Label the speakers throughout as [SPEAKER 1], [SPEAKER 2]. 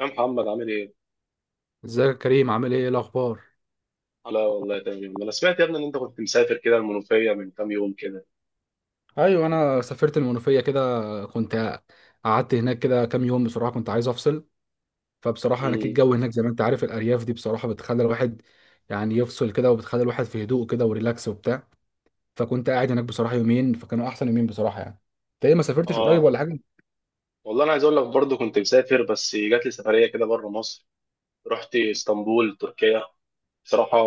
[SPEAKER 1] يا محمد عامل ايه؟
[SPEAKER 2] ازيك يا كريم؟ عامل ايه؟ إيه الاخبار؟
[SPEAKER 1] لا والله تمام، انا سمعت يا ابني ان انت كنت مسافر كده المنوفية من كام يوم كده.
[SPEAKER 2] ايوه، انا سافرت المنوفيه كده. كنت قعدت هناك كده كام يوم بصراحه كنت عايز افصل. فبصراحه هناك
[SPEAKER 1] امم
[SPEAKER 2] الجو، هناك زي ما انت عارف، الارياف دي بصراحه بتخلي الواحد يعني يفصل كده، وبتخلي الواحد في هدوء كده وريلاكس وبتاع. فكنت قاعد هناك بصراحه يومين، فكانوا احسن يومين بصراحه يعني. انت ايه؟ ما سافرتش قريب
[SPEAKER 1] اه،
[SPEAKER 2] ولا حاجه؟
[SPEAKER 1] والله انا عايز اقول لك برضه كنت مسافر، بس جات لي سفرية كده بره مصر. رحت اسطنبول تركيا. بصراحة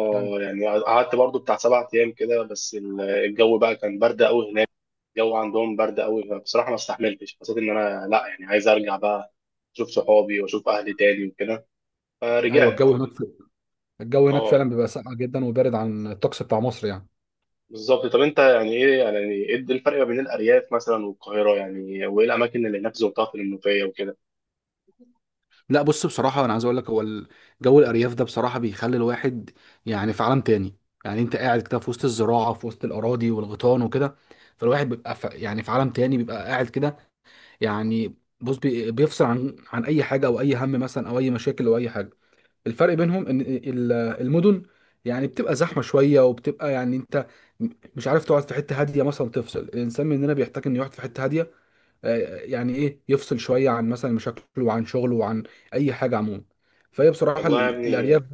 [SPEAKER 1] يعني قعدت برضه بتاع سبع ايام كده، بس الجو بقى كان برد قوي هناك. الجو عندهم برد قوي، فبصراحة ما استحملتش، حسيت ان انا لا يعني عايز ارجع بقى، اشوف صحابي واشوف اهلي تاني وكده،
[SPEAKER 2] ايوه،
[SPEAKER 1] فرجعت.
[SPEAKER 2] الجو هناك
[SPEAKER 1] اه،
[SPEAKER 2] فعلا بيبقى ساقع جدا وبارد عن الطقس بتاع مصر يعني.
[SPEAKER 1] بالظبط. طب انت يعني ايه، يعني ايه الفرق ما بين الارياف مثلا والقاهره يعني، وايه الاماكن اللي هناك زرتها في المنوفيه وكده؟
[SPEAKER 2] لا بص، بصراحة أنا عايز أقول لك هو جو الأرياف ده بصراحة بيخلي الواحد يعني في عالم تاني. يعني أنت قاعد كده في وسط الزراعة، في وسط الأراضي والغيطان وكده. فالواحد بيبقى في يعني في عالم تاني، بيبقى قاعد كده يعني. بص، بيفصل عن أي حاجة أو أي هم مثلا أو أي مشاكل أو أي حاجة. الفرق بينهم إن المدن يعني بتبقى زحمة شوية، وبتبقى يعني أنت مش عارف تقعد في حتة هادية مثلا تفصل. الإنسان مننا بيحتاج إنه يقعد في حتة هادية، يعني ايه يفصل شويه عن مثلا مشاكله وعن شغله وعن اي حاجه عموما. فهي بصراحه
[SPEAKER 1] والله يا
[SPEAKER 2] الارياف.
[SPEAKER 1] ابني،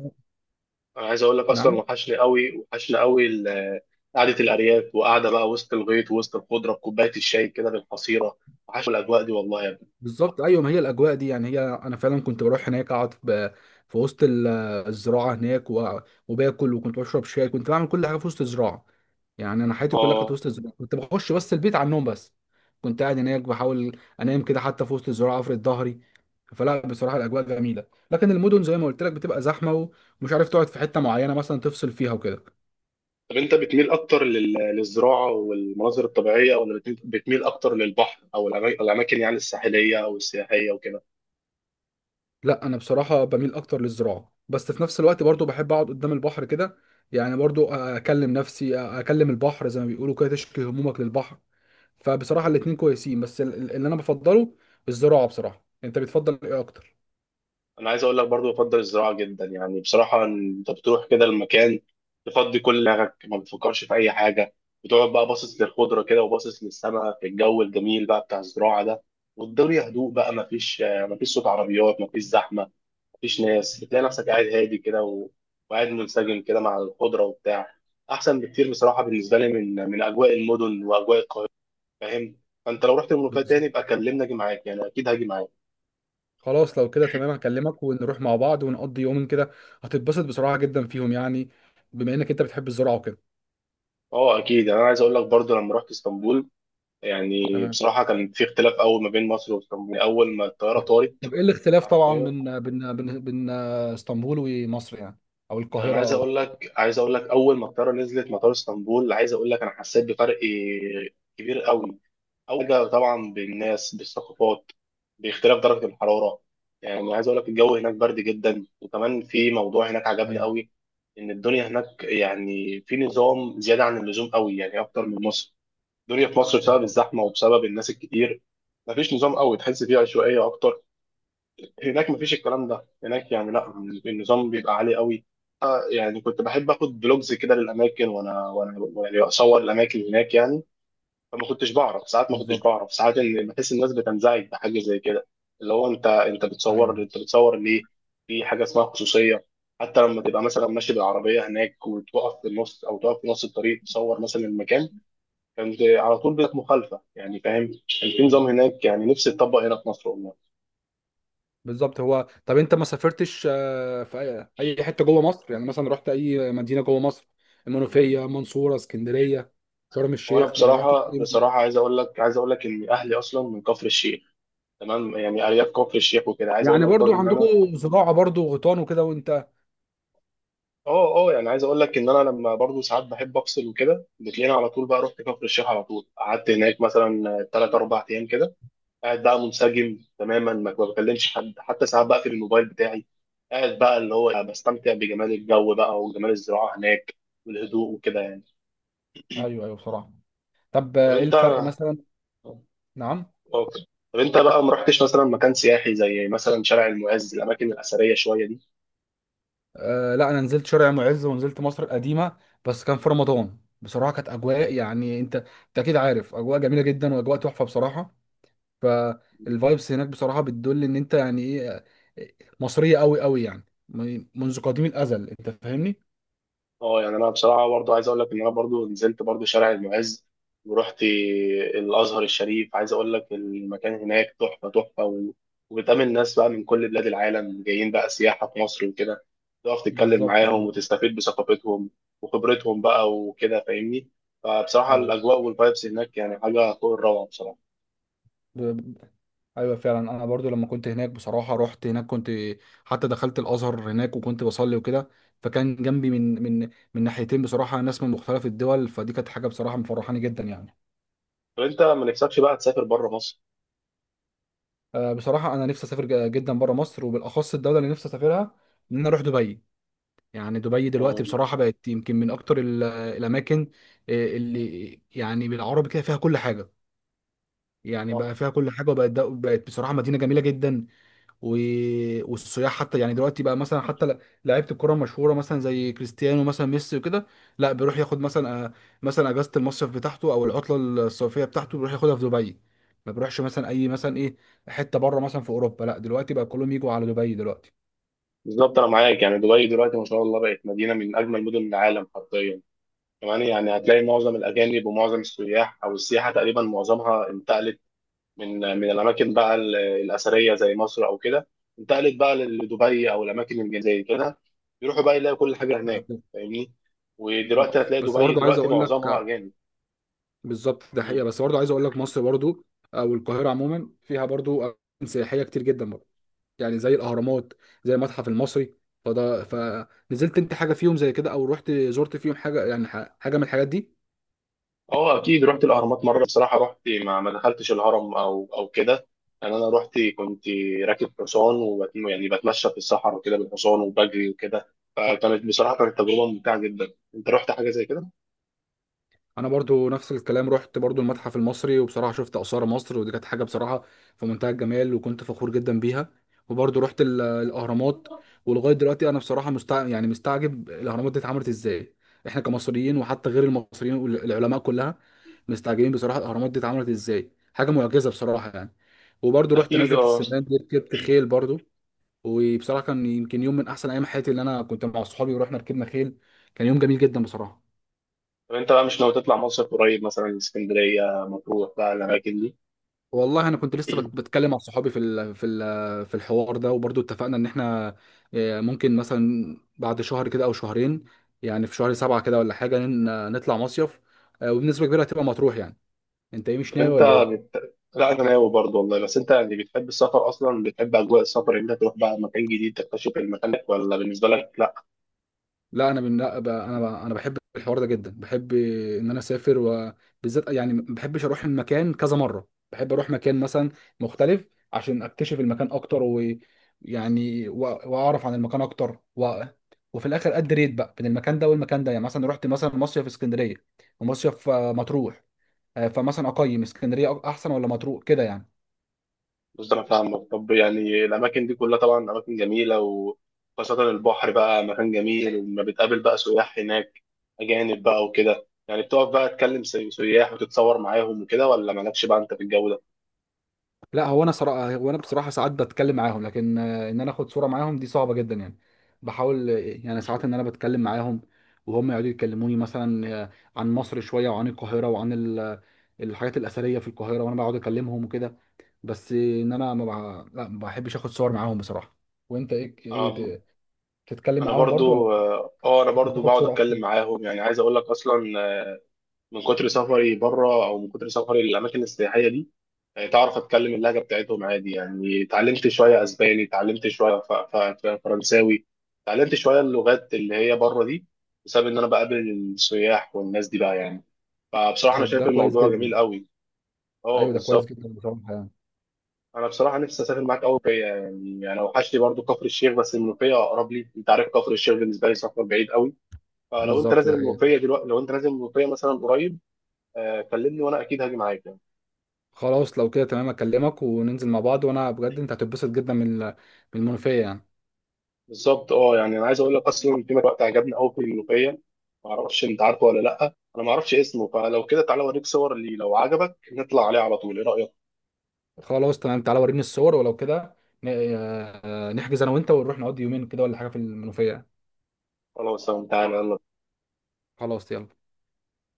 [SPEAKER 1] انا عايز اقول لك اصلا
[SPEAKER 2] نعم.
[SPEAKER 1] وحشني قوي، وحشني قوي قعده الارياف، وقعده بقى وسط الغيط، وسط الخضره بكوبايه الشاي كده بالحصيره. وحشني الاجواء دي والله يا ابني.
[SPEAKER 2] بالظبط، ايوه، ما هي الاجواء دي. يعني هي انا فعلا كنت بروح هناك اقعد في وسط الزراعه هناك وباكل، وكنت بشرب شاي، كنت بعمل كل حاجه في وسط الزراعه. يعني انا حياتي كلها كانت
[SPEAKER 1] اه،
[SPEAKER 2] وسط الزراعه، كنت بخش بس البيت على النوم بس. كنت قاعد هناك بحاول انام كده حتى في وسط الزراعه، افرد ظهري. فلا بصراحه الاجواء جميله، لكن المدن زي ما قلت لك بتبقى زحمه ومش عارف تقعد في حته معينه مثلا تفصل فيها وكده.
[SPEAKER 1] طب انت بتميل اكتر للزراعه والمناظر الطبيعيه، ولا بتميل اكتر للبحر او الاماكن يعني الساحليه او السياحيه وكده؟
[SPEAKER 2] لا، انا بصراحه بميل اكتر للزراعه، بس في نفس الوقت برضو بحب اقعد قدام البحر كده. يعني برضو اكلم نفسي، اكلم البحر، زي ما بيقولوا كده، تشكي همومك للبحر. فبصراحه الاتنين كويسين، بس اللي انا بفضله الزراعه بصراحه. انت بتفضل ايه اكتر؟
[SPEAKER 1] انا عايز اقول لك برضو بفضل الزراعه جدا، يعني بصراحه انت بتروح كده المكان، تفضي كل دماغك، ما بتفكرش في اي حاجه، بتقعد بقى باصص للخضره كده، وباصص للسماء في الجو الجميل بقى بتاع الزراعه ده. والدنيا هدوء بقى، ما فيش صوت عربيات، ما فيش زحمه، ما فيش ناس، بتلاقي نفسك قاعد هادي كده وقاعد منسجم كده مع الخضره وبتاع. احسن بكتير بصراحه بالنسبه لي من اجواء المدن واجواء القاهره، فاهم. فانت لو رحت المنوفيه تاني
[SPEAKER 2] بالظبط.
[SPEAKER 1] يبقى كلمني اجي معاك، يعني اكيد هاجي معاك.
[SPEAKER 2] خلاص، لو كده تمام هكلمك ونروح مع بعض ونقضي يومين كده. هتتبسط بصراحه جدا فيهم، يعني بما انك انت بتحب الزراعه وكده.
[SPEAKER 1] اه اكيد، يعني انا عايز اقول لك برضو لما رحت اسطنبول، يعني
[SPEAKER 2] تمام.
[SPEAKER 1] بصراحة كان في اختلاف قوي ما بين مصر واسطنبول، يعني أول ما الطيارة طارت،
[SPEAKER 2] طب ايه الاختلاف طبعا
[SPEAKER 1] حرفيا.
[SPEAKER 2] بين اسطنبول ومصر، يعني او
[SPEAKER 1] يعني أنا
[SPEAKER 2] القاهرة
[SPEAKER 1] عايز
[SPEAKER 2] او...
[SPEAKER 1] أقول لك، أول ما الطيارة نزلت مطار اسطنبول، عايز أقول لك أنا حسيت بفرق كبير قوي. أول حاجة طبعا بالناس، بالثقافات، باختلاف درجة الحرارة. يعني عايز أقول لك الجو هناك برد جدا، وكمان في موضوع هناك عجبني
[SPEAKER 2] ايوه،
[SPEAKER 1] قوي، إن الدنيا هناك يعني في نظام زيادة عن اللزوم قوي، يعني أكتر من مصر. الدنيا في مصر بسبب
[SPEAKER 2] بالظبط،
[SPEAKER 1] الزحمة وبسبب الناس الكتير مفيش نظام قوي، تحس فيه عشوائية أكتر. هناك مفيش الكلام ده، هناك يعني لا، النظام بيبقى عالي قوي. يعني كنت بحب اخد بلوجز كده للاماكن، وانا يعني اصور الاماكن هناك يعني. فما كنتش بعرف ساعات ما كنتش
[SPEAKER 2] بالظبط،
[SPEAKER 1] بعرف ساعات ان بحس الناس بتنزعج بحاجه زي كده، اللي هو انت، بتصور،
[SPEAKER 2] ايوه،
[SPEAKER 1] بتصور ليه؟ في حاجه اسمها خصوصيه. حتى لما تبقى مثلا ماشي بالعربيه هناك، وتقف في النص او تقف في نص الطريق تصور مثلا المكان، كانت على طول بقت مخالفه، يعني فاهم. كان في
[SPEAKER 2] أيوة.
[SPEAKER 1] نظام هناك يعني نفسي يتطبق هنا في مصر والله.
[SPEAKER 2] بالظبط. هو طب انت ما سافرتش في أي حته جوه مصر، يعني مثلا رحت اي مدينه جوه مصر؟ المنوفيه، منصوره، اسكندريه، شرم
[SPEAKER 1] وانا
[SPEAKER 2] الشيخ؟ ما رحتش
[SPEAKER 1] بصراحه،
[SPEAKER 2] أي مدينة؟
[SPEAKER 1] عايز اقول لك، ان اهلي اصلا من كفر الشيخ، تمام. يعني ارياف كفر الشيخ وكده، عايز اقول
[SPEAKER 2] يعني
[SPEAKER 1] لك
[SPEAKER 2] برضو
[SPEAKER 1] برضو ان انا،
[SPEAKER 2] عندكم زراعه برضو، غيطان وكده وانت...
[SPEAKER 1] اه، يعني عايز اقول لك ان انا لما برضو ساعات بحب افصل وكده، بتلاقيني على طول بقى رحت كفر الشيخ، على طول قعدت هناك مثلا ثلاث اربع ايام كده، قاعد بقى منسجم تماما، ما بكلمش حد، حتى ساعات بقفل الموبايل بتاعي، قاعد بقى اللي هو بستمتع بجمال الجو بقى، وجمال الزراعه هناك والهدوء وكده يعني.
[SPEAKER 2] ايوه، ايوه، بصراحه. طب
[SPEAKER 1] طب
[SPEAKER 2] ايه
[SPEAKER 1] انت
[SPEAKER 2] الفرق مثلا؟ نعم.
[SPEAKER 1] ممكن، طب انت بقى ما رحتش مثلا مكان سياحي زي مثلا شارع المعز، الاماكن الاثريه شويه دي؟
[SPEAKER 2] آه، لا انا نزلت شارع معز ونزلت مصر القديمه. بس كان في رمضان بصراحه كانت اجواء، يعني انت اكيد عارف، اجواء جميله جدا واجواء تحفه بصراحه. فالفايبس هناك بصراحة بتدل ان انت يعني ايه، مصرية قوي قوي يعني منذ قديم الازل. انت فاهمني؟
[SPEAKER 1] اه، يعني انا بصراحه برضو عايز اقول لك ان انا برضو نزلت برضو شارع المعز، ورحت الازهر الشريف. عايز اقول لك المكان هناك تحفه، تحفه و... وبتقابل ناس بقى من كل بلاد العالم جايين بقى سياحه في مصر وكده، تقف تتكلم
[SPEAKER 2] بالظبط،
[SPEAKER 1] معاهم
[SPEAKER 2] ايوه،
[SPEAKER 1] وتستفيد بثقافتهم وخبرتهم بقى وكده، فاهمني. فبصراحه
[SPEAKER 2] ايوه.
[SPEAKER 1] الاجواء والفايبس هناك يعني حاجه فوق الروعه بصراحه.
[SPEAKER 2] ب- ب- ايوه فعلا انا برضو لما كنت هناك بصراحه رحت هناك، حتى دخلت الازهر هناك وكنت بصلي وكده. فكان جنبي من ناحيتين بصراحه ناس من مختلف الدول. فدي كانت حاجه بصراحه مفرحاني جدا يعني.
[SPEAKER 1] طب انت ما نفسكش بقى تسافر بره مصر؟
[SPEAKER 2] بصراحه انا نفسي اسافر جدا بره مصر، وبالاخص الدوله اللي نفسي اسافرها ان انا اروح دبي. يعني دبي دلوقتي
[SPEAKER 1] اه
[SPEAKER 2] بصراحة بقت يمكن من أكتر الأماكن. اللي يعني بالعربي كده فيها كل حاجة، يعني
[SPEAKER 1] صح،
[SPEAKER 2] بقى فيها كل حاجة، وبقت بقت بصراحة مدينة جميلة جدا و... والسياح حتى، يعني دلوقتي بقى مثلا حتى لعيبة الكرة المشهورة مثلا زي كريستيانو مثلا ميسي وكده، لا بيروح ياخد مثلا مثلا أجازة المصيف بتاعته أو العطلة الصيفية بتاعته، بيروح ياخدها في دبي. ما بيروحش مثلا أي، مثلا إيه، حتة بره مثلا في أوروبا. لا دلوقتي بقى كلهم يجوا على دبي دلوقتي.
[SPEAKER 1] بالظبط. انا معاك، يعني دبي دلوقتي ما شاء الله بقت مدينه من اجمل مدن العالم حرفيا. كمان يعني هتلاقي معظم الاجانب ومعظم السياح او السياحه تقريبا معظمها انتقلت من الاماكن بقى الاثريه زي مصر او كده، انتقلت بقى لدبي او الاماكن اللي زي كده، يروحوا بقى يلاقوا كل حاجه هناك،
[SPEAKER 2] بالظبط،
[SPEAKER 1] فاهمني.
[SPEAKER 2] بالظبط.
[SPEAKER 1] ودلوقتي هتلاقي
[SPEAKER 2] بس
[SPEAKER 1] دبي
[SPEAKER 2] برضه عايز
[SPEAKER 1] دلوقتي
[SPEAKER 2] أقول
[SPEAKER 1] معظمها
[SPEAKER 2] لك،
[SPEAKER 1] اجانب.
[SPEAKER 2] بالظبط ده حقيقه. بس برضه عايز اقول لك مصر برضه، او القاهره عموما، فيها برضه اماكن سياحيه كتير جدا برضه. يعني زي الاهرامات، زي المتحف المصري. فنزلت انت حاجه فيهم زي كده، او رحت زرت فيهم حاجه يعني حاجه من الحاجات دي؟
[SPEAKER 1] اه اكيد رحت الاهرامات مره، بصراحه رحت، ما دخلتش الهرم او كده. يعني انا رحت كنت راكب حصان وبت... يعني بتمشى في الصحراء وكده بالحصان وبجري وكده، فكانت بصراحه كانت تجربه ممتعه جدا. انت رحت حاجه زي كده؟
[SPEAKER 2] انا برضو نفس الكلام، رحت برضو المتحف المصري، وبصراحه شفت اثار مصر، ودي كانت حاجه بصراحه في منتهى الجمال، وكنت فخور جدا بيها. وبرضو رحت الاهرامات. ولغايه دلوقتي انا بصراحه يعني مستعجب الاهرامات دي اتعملت ازاي. احنا كمصريين وحتى غير المصريين والعلماء كلها مستعجبين بصراحه الاهرامات دي اتعملت ازاي. حاجه معجزه بصراحه يعني. وبرضو رحت
[SPEAKER 1] اكيد
[SPEAKER 2] نزله
[SPEAKER 1] اه.
[SPEAKER 2] السمان دي، ركبت خيل برضو. وبصراحه كان يمكن يوم من احسن ايام حياتي، اللي انا كنت مع صحابي ورحنا ركبنا خيل. كان يوم جميل جدا بصراحه.
[SPEAKER 1] طب انت بقى مش ناوي تطلع مصر قريب مثلا اسكندريه، مطروح بقى الاماكن دي؟
[SPEAKER 2] والله انا كنت لسه بتكلم مع صحابي في الحوار ده، وبرضو اتفقنا ان احنا ممكن مثلا بعد شهر كده او شهرين يعني في...
[SPEAKER 1] طب انت بت... لا انا ناوي برضه والله، بس انت يعني بتحب السفر اصلا؟ بتحب اجواء السفر إن انت تروح بقى مكان جديد تكتشف المكان، ولا بالنسبه لك؟
[SPEAKER 2] لا انا بن... لا ب... انا ب... انا بحب الحوار ده جدا، بحب ان انا اسافر. وبالذات يعني ما بحبش اروح المكان كذا مره، بحب اروح مكان مثلا مختلف عشان اكتشف المكان اكتر ويعني واعرف عن المكان اكتر وفي الاخر اد ريت بقى بين المكان ده والمكان ده، يعني مثلا رحت مثلا مصيف في اسكندريه ومصيف مطروح. فمثلا اقيم اسكندريه احسن ولا مطروح كده يعني؟
[SPEAKER 1] بص، انا فاهمك. طب يعني الاماكن دي كلها طبعا اماكن جميله، وخاصه البحر بقى مكان جميل، وما بتقابل بقى سياح هناك اجانب بقى وكده، يعني بتقف بقى تكلم سياح وتتصور معاهم وكده، ولا مالكش بقى انت في الجو ده؟
[SPEAKER 2] لا هو انا بصراحه ساعات بتكلم معاهم، لكن ان انا اخد صوره معاهم دي صعبه جدا يعني. بحاول يعني ساعات ان انا بتكلم معاهم، وهم يقعدوا يكلموني مثلا عن مصر شويه، وعن القاهره، وعن الحاجات الاثريه في القاهره، وانا بقعد اكلمهم وكده. بس ان انا ما بع- لا ما بحبش اخد صور معاهم بصراحه. وانت ايه
[SPEAKER 1] انا
[SPEAKER 2] بتتكلم
[SPEAKER 1] أنا
[SPEAKER 2] معاهم برضو ولا
[SPEAKER 1] برضو، اه انا برضو
[SPEAKER 2] بتاخد
[SPEAKER 1] بقعد
[SPEAKER 2] صوره
[SPEAKER 1] اتكلم
[SPEAKER 2] أحسن؟
[SPEAKER 1] معاهم، يعني عايز اقول لك اصلا من كتر سفري بره، او من كتر سفري للاماكن السياحيه دي، يعني تعرف اتكلم اللهجه بتاعتهم عادي، يعني اتعلمت شويه اسباني، اتعلمت شويه فرنساوي، اتعلمت شويه اللغات اللي هي بره دي، بسبب ان انا بقابل السياح والناس دي بقى يعني. فبصراحه انا
[SPEAKER 2] طب
[SPEAKER 1] شايف
[SPEAKER 2] ده كويس
[SPEAKER 1] الموضوع جميل
[SPEAKER 2] جدا.
[SPEAKER 1] قوي. اه
[SPEAKER 2] ايوه، ده كويس
[SPEAKER 1] بالظبط.
[SPEAKER 2] جدا بصراحه يعني.
[SPEAKER 1] انا بصراحه نفسي اسافر معاك قوي فيا، يعني انا وحشني برضو كفر الشيخ، بس المنوفيه اقرب لي، انت عارف كفر الشيخ بالنسبه لي سفر بعيد قوي، فلو انت
[SPEAKER 2] بالظبط، ده
[SPEAKER 1] نازل
[SPEAKER 2] حقيقة.
[SPEAKER 1] المنوفيه دلوقتي، لو انت نازل المنوفيه مثلا قريب، كلمني وانا اكيد هاجي معاك يعني.
[SPEAKER 2] خلاص، لو كده تمام اكلمك وننزل مع بعض. وانا بجد انت هتتبسط جدا من المنوفية يعني.
[SPEAKER 1] بالظبط اه، يعني انا عايز اقول لك اصلا في وقت عجبني قوي في الملوخيه، ما اعرفش انت عارفه ولا لا، انا ما اعرفش اسمه، فلو كده تعالى اوريك صور ليه، لو عجبك نطلع عليه على طول، ايه رايك؟
[SPEAKER 2] خلاص تمام، تعالى وريني الصور، ولو كده ن- نحجز انا وانت ونروح نقضي يومين كده ولا حاجة في المنوفية.
[SPEAKER 1] خلاص تمام، تعالى يلا.
[SPEAKER 2] خلاص يلا.